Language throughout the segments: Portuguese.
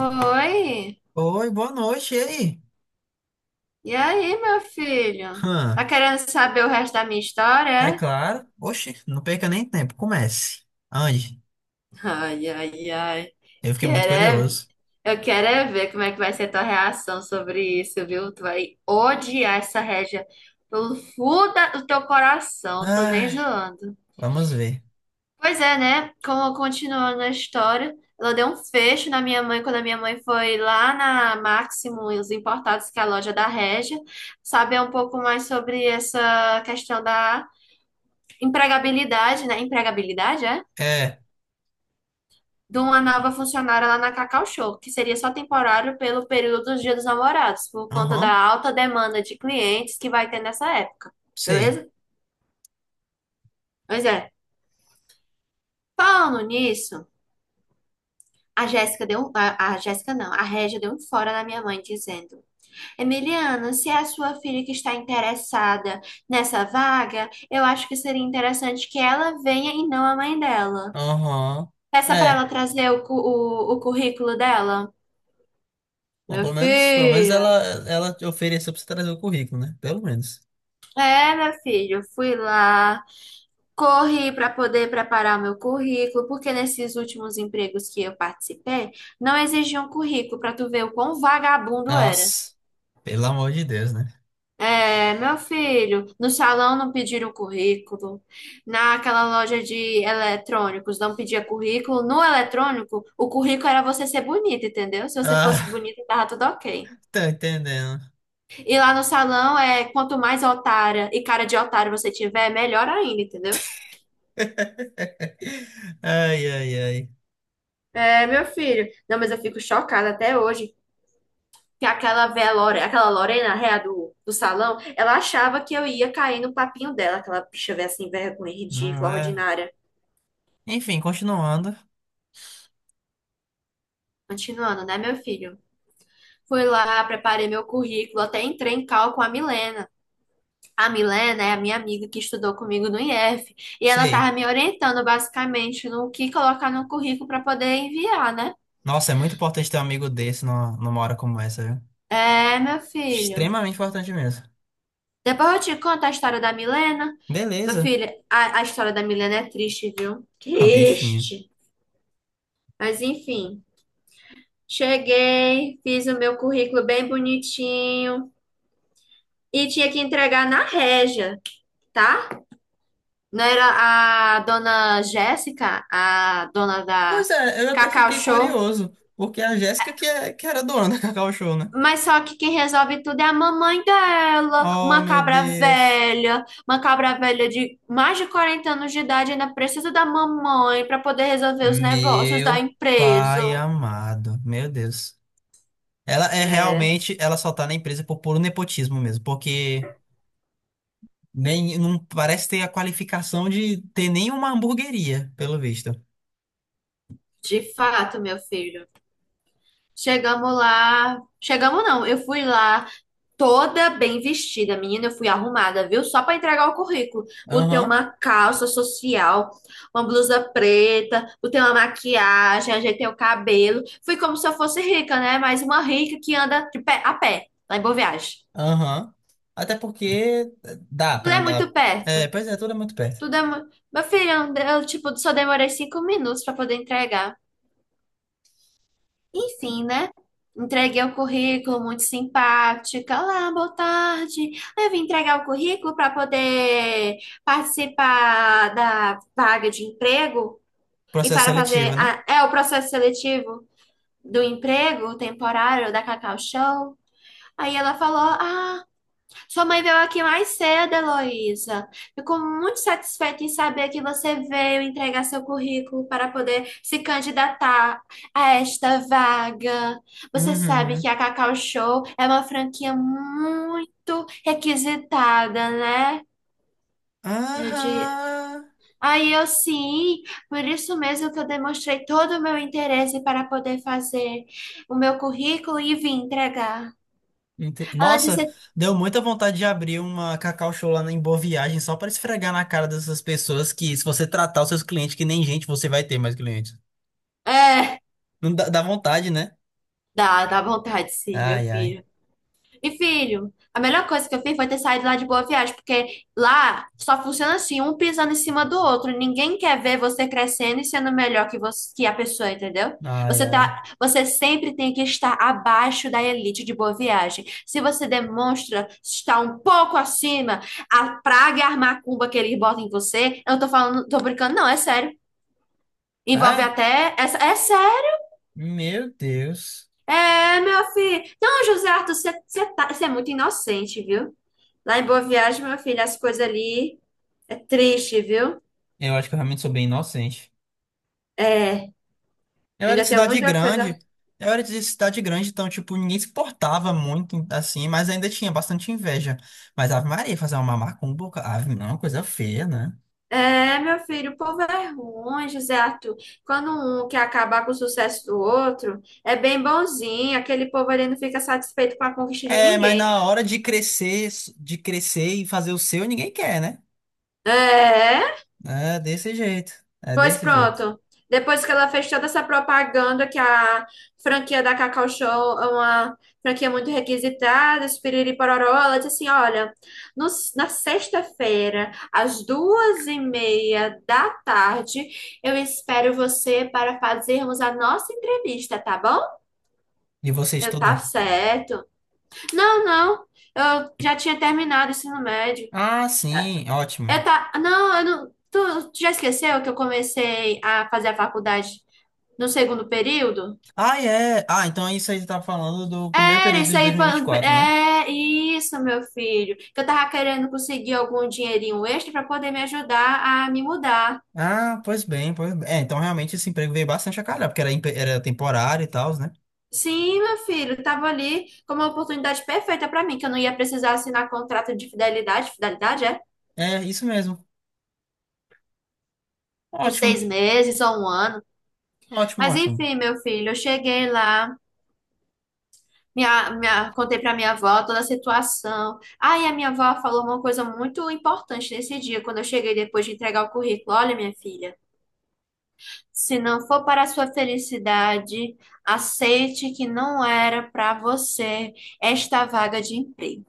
Oi, Oi, boa noite, e aí? e aí, meu filho? Hã, Tá querendo saber o resto da minha história, é é? claro. Oxi, não perca nem tempo, comece. Ande, Ai, ai, ai. eu fiquei muito Quero é v- curioso. Eu quero é ver como é que vai ser tua reação sobre isso, viu? Tu vai odiar essa Régia pelo fundo do teu coração, tô nem Ai, zoando. vamos ver. Pois é, né? Como continuando a história, ela deu um fecho na minha mãe quando a minha mãe foi lá na Máximo e os Importados, que é a loja da Régia, saber um pouco mais sobre essa questão da empregabilidade, né? Empregabilidade, é? É, De uma nova funcionária lá na Cacau Show, que seria só temporário pelo período dos Dias dos Namorados, por conta da aham, alta demanda de clientes que vai ter nessa época, sei. beleza? Pois é. Falando nisso, a Jéssica deu um, a Jéssica não, a Régia deu um fora na minha mãe dizendo: Emiliano, se é a sua filha que está interessada nessa vaga, eu acho que seria interessante que ela venha e não a mãe dela. Aham, Peça para ela é. trazer o currículo dela. Bom, Meu pelo menos, pelo menos filho, ela, ela te ofereceu pra você trazer o currículo, né? Pelo menos. é, meu filho, eu fui lá, corri para poder preparar meu currículo, porque nesses últimos empregos que eu participei, não exigiam currículo para tu ver o quão vagabundo era. Nossa, pelo amor de Deus, né? É, meu filho, no salão não pediram currículo, naquela loja de eletrônicos não pedia currículo, no eletrônico o currículo era você ser bonita, entendeu? Se você fosse Ah, bonita, tava tudo ok. tô entendendo. E lá no salão é quanto mais otária e cara de otário você tiver, melhor ainda, entendeu? Ai, ai, ai. É, meu filho, não, mas eu fico chocada até hoje que aquela Lorena, a réa do salão, ela achava que eu ia cair no papinho dela, aquela bicha véia assim, vergonha, Não ridícula, é? ordinária. Enfim, continuando. Continuando, né, meu filho? Fui lá, preparei meu currículo, até entrei em cal com a Milena. A Milena é a minha amiga que estudou comigo no IF e ela Sei. estava me orientando basicamente no que colocar no currículo para poder enviar, né? Nossa, é muito importante ter um amigo desse numa hora como essa, viu? É, meu filho. Extremamente importante mesmo. Depois eu te conto a história da Milena. Meu Beleza. filho, a história da Milena é triste, viu? A bichinha. Triste. Mas enfim, cheguei, fiz o meu currículo bem bonitinho e tinha que entregar na Régia, tá? Não era a dona Jéssica, a dona da Pois é, eu até Cacau fiquei Show? curioso, porque a Jéssica que, é, que era dona da Cacau Show, né? Mas só que quem resolve tudo é a mamãe dela, Oh, meu Deus. Uma cabra velha de mais de 40 anos de idade, ainda precisa da mamãe para poder resolver os negócios da Meu empresa. pai amado. Meu Deus. Ela é É, realmente, ela só tá na empresa por puro nepotismo mesmo, porque nem, não parece ter a qualificação de ter nenhuma hamburgueria, pelo visto. de fato, meu filho. Chegamos lá. Chegamos não, eu fui lá toda bem vestida, menina, eu fui arrumada, viu? Só para entregar o currículo. Botei Aham. uma calça social, uma blusa preta, botei uma maquiagem, ajeitei o cabelo. Fui como se eu fosse rica, né? Mas uma rica que anda de pé, a pé, lá em Boa Viagem. Aham. Até porque dá Tudo pra é andar. muito perto. É, pois é, tudo é muito perto. Tudo é muito. Meu filho, eu, tipo, só demorei 5 minutos para poder entregar. Enfim, né? Entreguei o currículo, muito simpática. Olá, boa tarde. Eu vim entregar o currículo para poder participar da vaga de emprego e Processo para fazer seletivo, né? É o processo seletivo do emprego temporário da Cacau Show. Aí ela falou: Ah, sua mãe veio aqui mais cedo, Heloísa. Fico muito satisfeita em saber que você veio entregar seu currículo para poder se candidatar a esta vaga. Você sabe que Uhum. a Cacau Show é uma franquia muito requisitada, né? Eu di- Aham. Aí eu sim, por isso mesmo que eu demonstrei todo o meu interesse para poder fazer o meu currículo e vim entregar. Ela Nossa, disse: deu muita vontade de abrir uma Cacau Show lá em Boa Viagem só pra esfregar na cara dessas pessoas que, se você tratar os seus clientes que nem gente, você vai ter mais clientes. É, Não dá, dá vontade, né? dá vontade sim, meu Ai, ai. filho. E, filho, a melhor coisa que eu fiz foi ter saído lá de Boa Viagem, porque lá só funciona assim, um pisando em cima do outro. Ninguém quer ver você crescendo e sendo melhor que você, que a pessoa, entendeu? Ai, Você ai. tá, você sempre tem que estar abaixo da elite de Boa Viagem. Se você demonstra estar um pouco acima, a praga e a macumba que eles botam em você, eu não tô falando, tô brincando, não, é sério. Envolve Ah, até, é sério. meu Deus. É, meu filho. Não, José Arthur, você é muito inocente, viu? Lá em Boa Viagem, meu filho, as coisas ali é triste, viu? Eu acho que eu realmente sou bem inocente. É, eu Eu era ainda de tenho cidade muita coisa. grande, eu era de cidade grande, então, tipo, ninguém se portava muito, assim, mas ainda tinha bastante inveja. Mas Ave Maria, fazer uma macumba, ave, não, é uma coisa feia, né? É, meu filho, o povo é ruim, José Arthur. Quando um quer acabar com o sucesso do outro, é bem bonzinho. Aquele povo ali não fica satisfeito com a conquista de É, mas ninguém. na hora de crescer e fazer o seu, ninguém quer, né? É. É desse jeito, é Pois desse jeito. pronto. Depois que ela fez toda essa propaganda que a franquia da Cacau Show é uma franquia muito requisitada, esse piriri pororó, ela disse assim: olha, no- na sexta-feira, às 2:30 da tarde, eu espero você para fazermos a nossa entrevista, tá bom? E você Tá estuda? certo. Não, não, eu já tinha terminado o ensino médio. Ah, sim, ótimo. Eu tá, não, eu não, tu já esqueceu que eu comecei a fazer a faculdade no segundo período? Ah, é. Ah, então é isso aí você tá falando do primeiro Era período isso de aí, 2024, né? é isso, meu filho. Que eu tava querendo conseguir algum dinheirinho extra para poder me ajudar a me mudar. Ah, pois bem, pois bem. É, então realmente esse emprego veio bastante a calhar, porque era, era temporário e tal, né? Sim, meu filho, tava ali como uma oportunidade perfeita para mim, que eu não ia precisar assinar contrato de fidelidade, fidelidade é? É, isso mesmo. Por Ótimo, 6 meses ou um ano. ótimo, Mas ótimo. enfim, meu filho, eu cheguei lá, contei para minha avó toda a situação. Aí a minha avó falou uma coisa muito importante nesse dia, quando eu cheguei depois de entregar o currículo. Olha, minha filha. Se não for para a sua felicidade, aceite que não era para você esta vaga de emprego.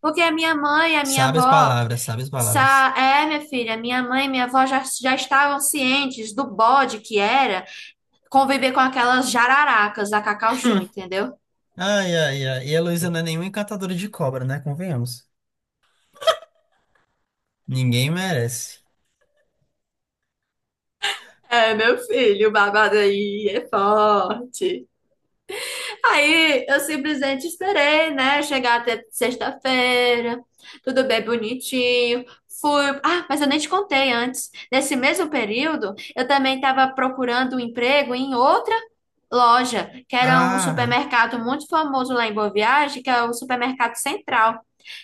Porque a minha mãe, a minha Sabe as avó, palavras, sabe as palavras. É, minha filha, minha mãe e minha avó já, estavam cientes do bode que era conviver com aquelas jararacas da Cacau Show, entendeu? Ai, ai, ai. E a Luísa não é nenhuma encantadora de cobra, né? Convenhamos. Ninguém merece. É, meu filho, o babado aí é forte. Aí eu simplesmente esperei, né? Chegar até sexta-feira, tudo bem bonitinho. Fui. Ah, mas eu nem te contei antes. Nesse mesmo período, eu também estava procurando um emprego em outra loja, que era um Ah, supermercado muito famoso lá em Boa Viagem, que é o Supermercado Central,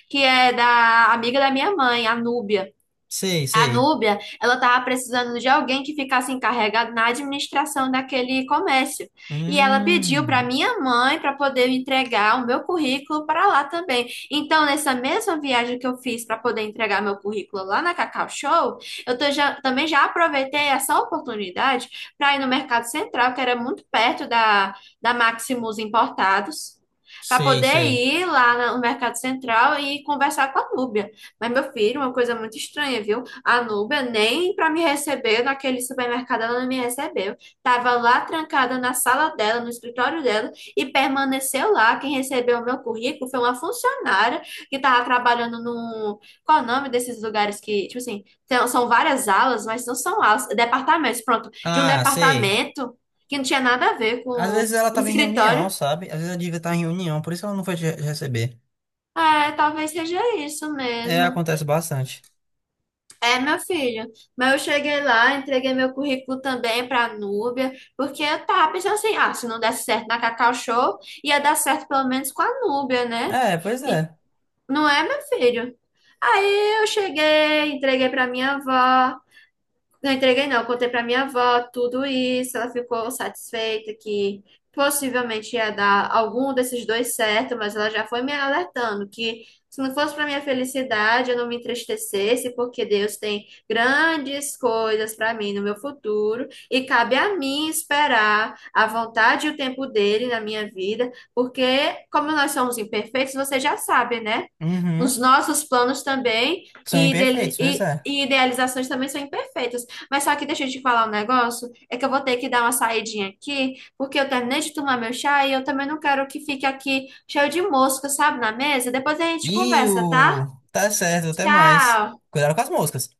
que é da amiga da minha mãe, a Núbia. sei, A sei. Núbia, ela estava precisando de alguém que ficasse encarregado na administração daquele comércio. E ela pediu para Hum, minha mãe para poder entregar o meu currículo para lá também. Então, nessa mesma viagem que eu fiz para poder entregar meu currículo lá na Cacau Show, eu também já aproveitei essa oportunidade para ir no Mercado Central, que era muito perto da Maximus Importados, para sei, poder sei. ir lá no Mercado Central e conversar com a Núbia. Mas, meu filho, uma coisa muito estranha, viu? A Núbia nem para me receber naquele supermercado ela não me recebeu. Tava lá trancada na sala dela, no escritório dela, e permaneceu lá. Quem recebeu o meu currículo foi uma funcionária que tava trabalhando no. Qual é o nome desses lugares que, tipo assim, são várias alas, mas não são alas, departamentos, pronto, de um Ah, sei. departamento que não tinha nada a ver Às com vezes ela o tava em reunião, escritório. sabe? Às vezes ela devia estar em reunião, por isso ela não foi te receber. É, talvez seja isso É, mesmo. acontece bastante. É, meu filho. Mas eu cheguei lá, entreguei meu currículo também para a Núbia, porque eu tava pensando assim, ah, se não desse certo na Cacau Show, ia dar certo pelo menos com a Núbia, né? É, pois E- é. não é, meu filho? Aí eu cheguei, entreguei para minha avó. Não entreguei, não. Eu contei pra minha avó tudo isso. Ela ficou satisfeita que possivelmente ia dar algum desses dois certo, mas ela já foi me alertando que se não fosse pra minha felicidade, eu não me entristecesse, porque Deus tem grandes coisas pra mim no meu futuro e cabe a mim esperar a vontade e o tempo dele na minha vida, porque como nós somos imperfeitos, você já sabe, né? Os Uhum. nossos planos também São e, dele, imperfeitos, pois e é. e idealizações também são imperfeitas. Mas só que deixa eu te falar um negócio, é que eu vou ter que dar uma saidinha aqui, porque eu terminei de tomar meu chá e eu também não quero que fique aqui cheio de mosca, sabe, na mesa. Depois a gente E conversa, tá? o. Tá certo, até mais. Tchau! Cuidado com as moscas.